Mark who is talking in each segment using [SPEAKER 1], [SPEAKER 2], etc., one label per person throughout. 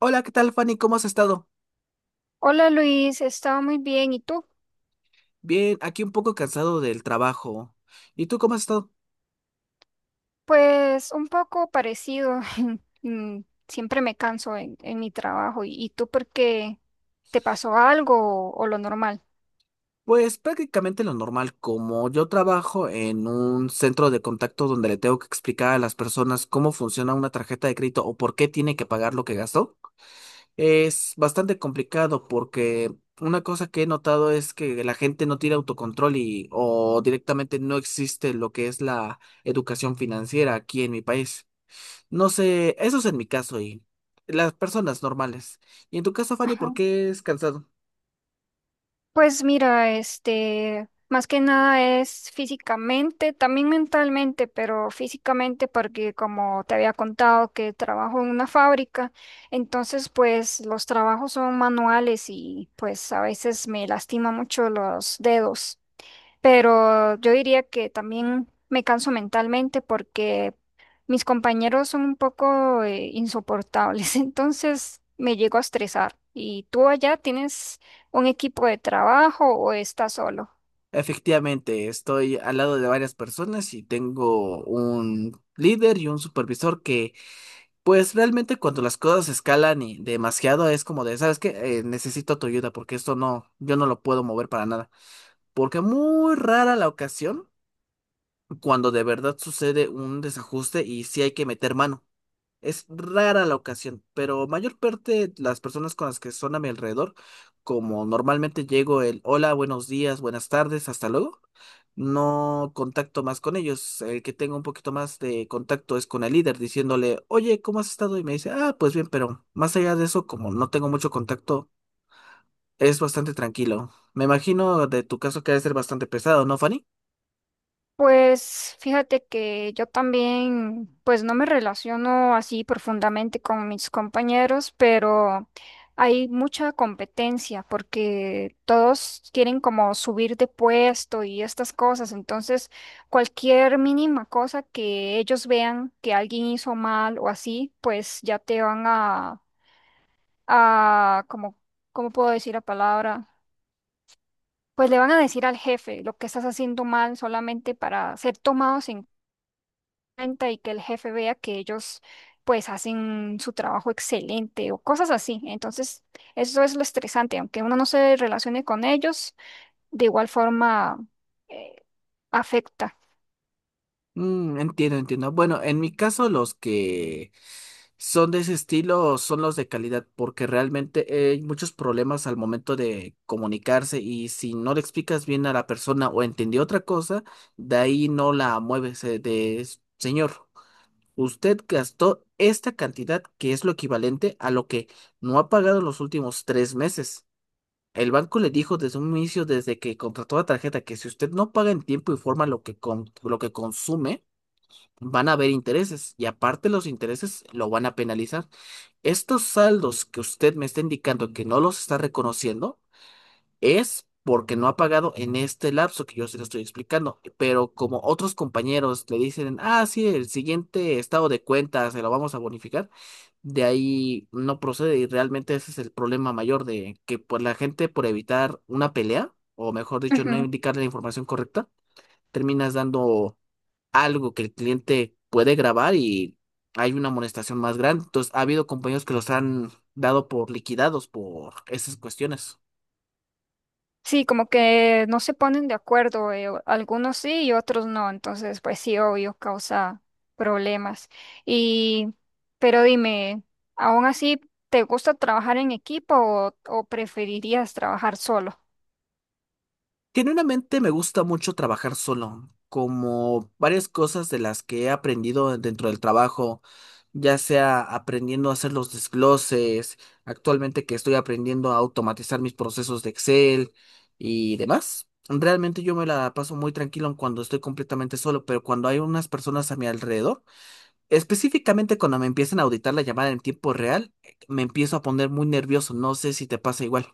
[SPEAKER 1] Hola, ¿qué tal, Fanny? ¿Cómo has estado?
[SPEAKER 2] Hola Luis, estaba muy bien. ¿Y tú?
[SPEAKER 1] Bien, aquí un poco cansado del trabajo. ¿Y tú cómo has estado?
[SPEAKER 2] Pues un poco parecido. Mm, siempre me canso en mi trabajo. ¿Y tú por qué te pasó algo o lo normal?
[SPEAKER 1] Pues prácticamente lo normal, como yo trabajo en un centro de contacto donde le tengo que explicar a las personas cómo funciona una tarjeta de crédito o por qué tiene que pagar lo que gastó. Es bastante complicado porque una cosa que he notado es que la gente no tiene autocontrol y o directamente no existe lo que es la educación financiera aquí en mi país. No sé, eso es en mi caso y las personas normales. Y en tu caso, Fanny, ¿por
[SPEAKER 2] Ajá.
[SPEAKER 1] qué es cansado?
[SPEAKER 2] Pues mira, este, más que nada es físicamente, también mentalmente, pero físicamente porque como te había contado que trabajo en una fábrica, entonces pues los trabajos son manuales y pues a veces me lastima mucho los dedos. Pero yo diría que también me canso mentalmente porque mis compañeros son un poco insoportables, entonces me llego a estresar. ¿Y tú allá tienes un equipo de trabajo o estás solo?
[SPEAKER 1] Efectivamente, estoy al lado de varias personas y tengo un líder y un supervisor que, pues realmente cuando las cosas escalan y demasiado es como de, ¿sabes qué? Necesito tu ayuda porque esto no, yo no lo puedo mover para nada. Porque muy rara la ocasión cuando de verdad sucede un desajuste y sí hay que meter mano. Es rara la ocasión, pero mayor parte las personas con las que son a mi alrededor, como normalmente llego el hola, buenos días, buenas tardes, hasta luego, no contacto más con ellos. El que tengo un poquito más de contacto es con el líder, diciéndole, oye, ¿cómo has estado? Y me dice, ah, pues bien, pero más allá de eso, como no tengo mucho contacto, es bastante tranquilo. Me imagino de tu caso que debe ser bastante pesado, ¿no, Fanny?
[SPEAKER 2] Pues fíjate que yo también, pues no me relaciono así profundamente con mis compañeros, pero hay mucha competencia porque todos quieren como subir de puesto y estas cosas. Entonces, cualquier mínima cosa que ellos vean que alguien hizo mal o así, pues ya te van a como, ¿cómo puedo decir la palabra? Pues le van a decir al jefe lo que estás haciendo mal solamente para ser tomados en cuenta y que el jefe vea que ellos pues hacen su trabajo excelente o cosas así. Entonces, eso es lo estresante, aunque uno no se relacione con ellos, de igual forma eh, afecta.
[SPEAKER 1] Mm, entiendo, entiendo. Bueno, en mi caso los que son de ese estilo son los de calidad, porque realmente hay muchos problemas al momento de comunicarse y si no le explicas bien a la persona o entendió otra cosa, de ahí no la mueves de señor. Usted gastó esta cantidad que es lo equivalente a lo que no ha pagado en los últimos 3 meses. El banco le dijo desde un inicio, desde que contrató la tarjeta, que si usted no paga en tiempo y forma lo que, lo que consume, van a haber intereses y aparte los intereses lo van a penalizar. Estos saldos que usted me está indicando que no los está reconociendo es porque no ha pagado en este lapso que yo se lo estoy explicando, pero como otros compañeros le dicen, ah, sí, el siguiente estado de cuenta se lo vamos a bonificar, de ahí no procede y realmente ese es el problema mayor de que pues, la gente por evitar una pelea, o mejor dicho, no
[SPEAKER 2] Ujú.
[SPEAKER 1] indicar la información correcta, terminas dando algo que el cliente puede grabar y hay una amonestación más grande. Entonces, ha habido compañeros que los han dado por liquidados por esas cuestiones.
[SPEAKER 2] Sí, como que no se ponen de acuerdo, algunos sí y otros no, entonces pues sí, obvio, causa problemas. Y, pero dime, ¿aún así te gusta trabajar en equipo o preferirías trabajar solo?
[SPEAKER 1] Genuinamente me gusta mucho trabajar solo, como varias cosas de las que he aprendido dentro del trabajo, ya sea aprendiendo a hacer los desgloses, actualmente que estoy aprendiendo a automatizar mis procesos de Excel y demás. Realmente yo me la paso muy tranquilo cuando estoy completamente solo, pero cuando hay unas personas a mi alrededor, específicamente cuando me empiezan a auditar la llamada en tiempo real, me empiezo a poner muy nervioso. No sé si te pasa igual.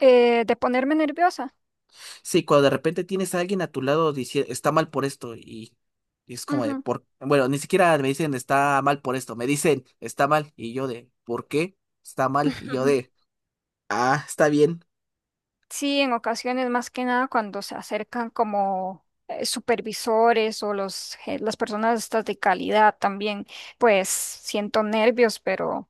[SPEAKER 2] De ponerme nerviosa.
[SPEAKER 1] Sí, cuando de repente tienes a alguien a tu lado diciendo está mal por esto y es como de
[SPEAKER 2] Ujú.
[SPEAKER 1] por bueno, ni siquiera me dicen está mal por esto, me dicen está mal y yo de ¿por qué? Está mal y yo de ah, está bien.
[SPEAKER 2] Sí, en ocasiones más que nada cuando se acercan como supervisores o los, las personas estas de calidad también, pues siento nervios, pero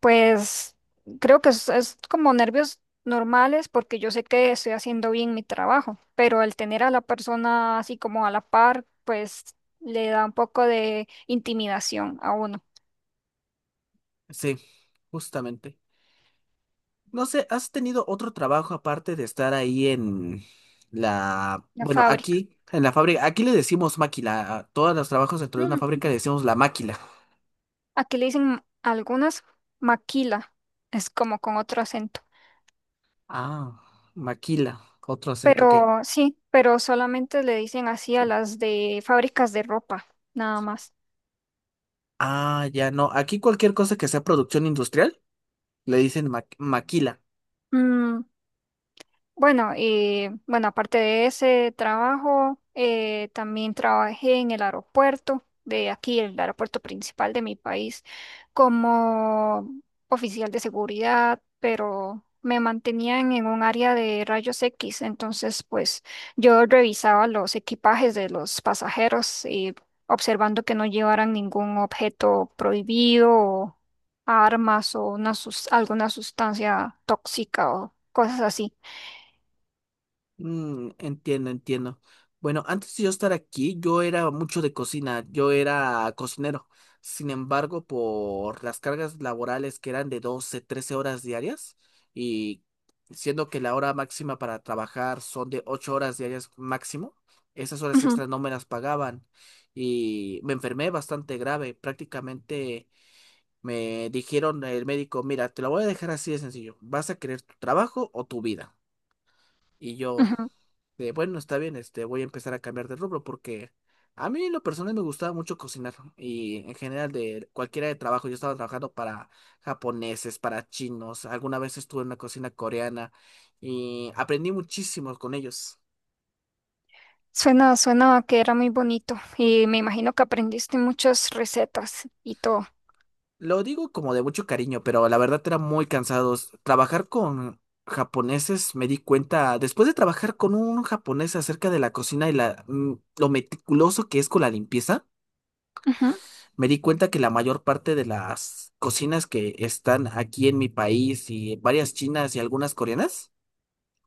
[SPEAKER 2] pues creo que es como nervios normales porque yo sé que estoy haciendo bien mi trabajo, pero el tener a la persona así como a la par, pues le da un poco de intimidación a uno.
[SPEAKER 1] Sí, justamente. No sé, ¿has tenido otro trabajo aparte de estar ahí en la,
[SPEAKER 2] La
[SPEAKER 1] bueno,
[SPEAKER 2] fábrica.
[SPEAKER 1] aquí, en la fábrica? Aquí le decimos máquila, a todos los trabajos dentro de una fábrica le decimos la máquila.
[SPEAKER 2] Aquí le dicen algunas maquila, es como con otro acento.
[SPEAKER 1] Ah, maquila, otro acento, ¿qué?
[SPEAKER 2] Pero sí, pero solamente le dicen así a las de fábricas de ropa, nada más.
[SPEAKER 1] Ah, ya no, aquí cualquier cosa que sea producción industrial le dicen maquila.
[SPEAKER 2] Mm, bueno, y bueno, aparte de ese trabajo, también trabajé en el aeropuerto de aquí, el aeropuerto principal de mi país, como oficial de seguridad, pero me mantenían en un área de rayos X, entonces pues yo revisaba los equipajes de los pasajeros y observando que no llevaran ningún objeto prohibido o armas o alguna sustancia tóxica o cosas así.
[SPEAKER 1] Mm, entiendo, entiendo. Bueno, antes de yo estar aquí, yo era mucho de cocina, yo era cocinero. Sin embargo, por las cargas laborales que eran de 12, 13 horas diarias, y siendo que la hora máxima para trabajar son de 8 horas diarias máximo, esas horas
[SPEAKER 2] Ujú.
[SPEAKER 1] extras no me las pagaban. Y me enfermé bastante grave. Prácticamente me dijeron el médico, mira, te lo voy a dejar así de sencillo. ¿Vas a querer tu trabajo o tu vida? Y yo
[SPEAKER 2] Ujú.
[SPEAKER 1] de, bueno, está bien, voy a empezar a cambiar de rubro porque a mí en lo personal me gustaba mucho cocinar y en general de cualquiera de trabajo, yo estaba trabajando para japoneses, para chinos, alguna vez estuve en una cocina coreana y aprendí muchísimo con ellos.
[SPEAKER 2] Suena, suena que era muy bonito y me imagino que aprendiste muchas recetas y todo.
[SPEAKER 1] Lo digo como de mucho cariño, pero la verdad era muy cansados. Trabajar con japoneses me di cuenta, después de trabajar con un japonés acerca de la cocina y la, lo meticuloso que es con la limpieza,
[SPEAKER 2] Ujú,
[SPEAKER 1] me di cuenta que la mayor parte de las cocinas que están aquí en mi país y varias chinas y algunas coreanas,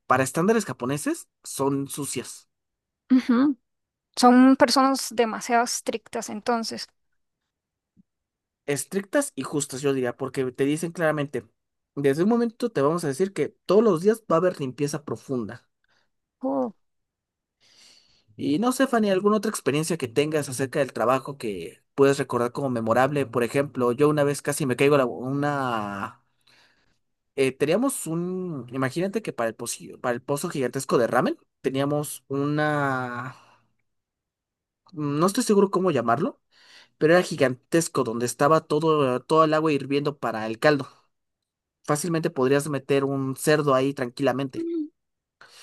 [SPEAKER 1] para estándares japoneses, son sucias,
[SPEAKER 2] ujú. Son personas demasiado estrictas entonces.
[SPEAKER 1] estrictas y justas, yo diría, porque te dicen claramente, desde un momento te vamos a decir que todos los días va a haber limpieza profunda.
[SPEAKER 2] Oh,
[SPEAKER 1] Y no sé, Fanny, ¿alguna otra experiencia que tengas acerca del trabajo que puedes recordar como memorable? Por ejemplo, yo una vez casi me caigo una teníamos un, imagínate que para el pozo gigantesco de ramen, teníamos una, no estoy seguro cómo llamarlo, pero era gigantesco, donde estaba todo el agua hirviendo para el caldo. Fácilmente podrías meter un cerdo ahí tranquilamente.
[SPEAKER 2] mm,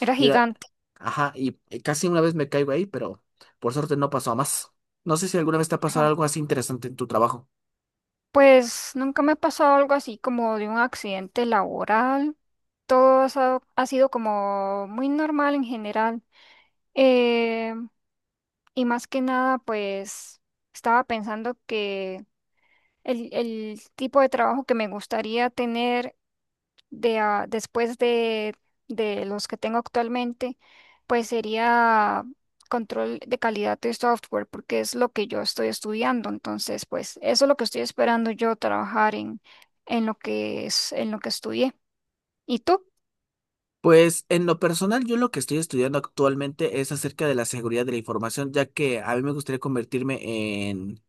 [SPEAKER 2] era
[SPEAKER 1] Y era-
[SPEAKER 2] gigante.
[SPEAKER 1] ajá, y casi una vez me caigo ahí, pero por suerte no pasó a más. No sé si alguna vez te ha pasado
[SPEAKER 2] Ajá.
[SPEAKER 1] algo así interesante en tu trabajo.
[SPEAKER 2] Pues nunca me ha pasado algo así como de un accidente laboral. Todo ha sido como muy normal en general. Eh, y más que nada, pues estaba pensando que el tipo de trabajo que me gustaría tener después de los que tengo actualmente, pues sería control de calidad de software, porque es lo que yo estoy estudiando. Entonces, pues eso es lo que estoy esperando yo trabajar en lo que en lo que estudié. ¿Y tú?
[SPEAKER 1] Pues en lo personal, yo lo que estoy estudiando actualmente es acerca de la seguridad de la información, ya que a mí me gustaría convertirme en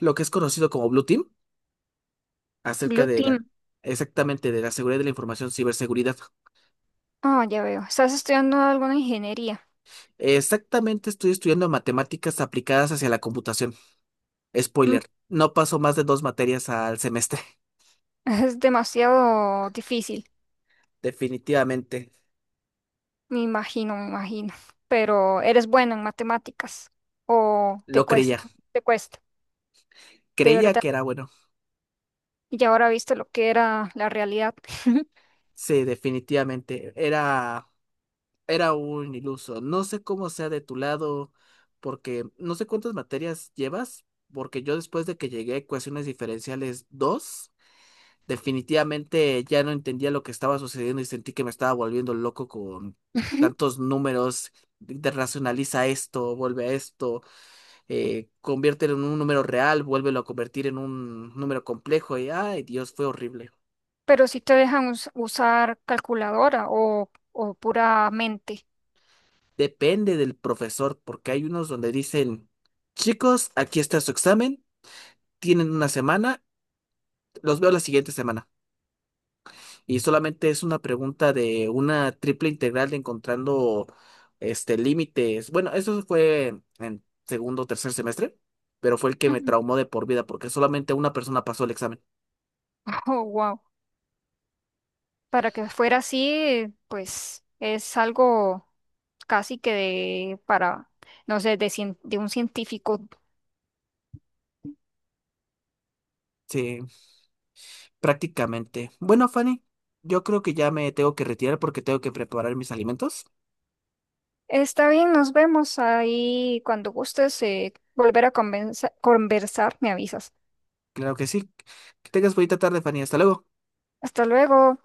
[SPEAKER 1] lo que es conocido como Blue Team, acerca
[SPEAKER 2] Blue
[SPEAKER 1] de la,
[SPEAKER 2] Team.
[SPEAKER 1] exactamente, de la seguridad de la información, ciberseguridad.
[SPEAKER 2] Ah, ya veo. Estás estudiando alguna ingeniería.
[SPEAKER 1] Exactamente, estoy estudiando matemáticas aplicadas hacia la computación.
[SPEAKER 2] Mm,
[SPEAKER 1] Spoiler, no paso más de dos materias al semestre.
[SPEAKER 2] es demasiado difícil,
[SPEAKER 1] Definitivamente,
[SPEAKER 2] me imagino, me imagino. Pero eres bueno en matemáticas o
[SPEAKER 1] lo creía.
[SPEAKER 2] te cuesta, de
[SPEAKER 1] Creía
[SPEAKER 2] verdad.
[SPEAKER 1] que era bueno.
[SPEAKER 2] Y ahora viste lo que era la realidad.
[SPEAKER 1] Sí, definitivamente. Era un iluso. No sé cómo sea de tu lado, porque no sé cuántas materias llevas, porque yo después de que llegué a ecuaciones diferenciales 2 definitivamente ya no entendía lo que estaba sucediendo y sentí que me estaba volviendo loco con tantos números. De racionaliza esto, vuelve a esto, conviértelo en un número real, vuélvelo a convertir en un número complejo y, ay, Dios, fue horrible.
[SPEAKER 2] Pero si te dejan usar calculadora o pura mente.
[SPEAKER 1] Depende del profesor, porque hay unos donde dicen, chicos, aquí está su examen. Tienen una semana, los veo la siguiente semana. Y solamente es una pregunta de una triple integral de encontrando este límites. Bueno, eso fue en segundo o tercer semestre, pero fue el que me
[SPEAKER 2] Ujú.
[SPEAKER 1] traumó de por vida porque solamente una persona pasó el examen.
[SPEAKER 2] Oh, wow. Para que fuera así, pues es algo casi que de, para, no sé, de, de un científico.
[SPEAKER 1] Sí, prácticamente. Bueno, Fanny, yo creo que ya me tengo que retirar porque tengo que preparar mis alimentos.
[SPEAKER 2] Está bien, nos vemos ahí cuando gustes volver a conversar, me avisas.
[SPEAKER 1] Claro que sí. Que tengas bonita tarde, Fanny. Hasta luego.
[SPEAKER 2] Hasta luego.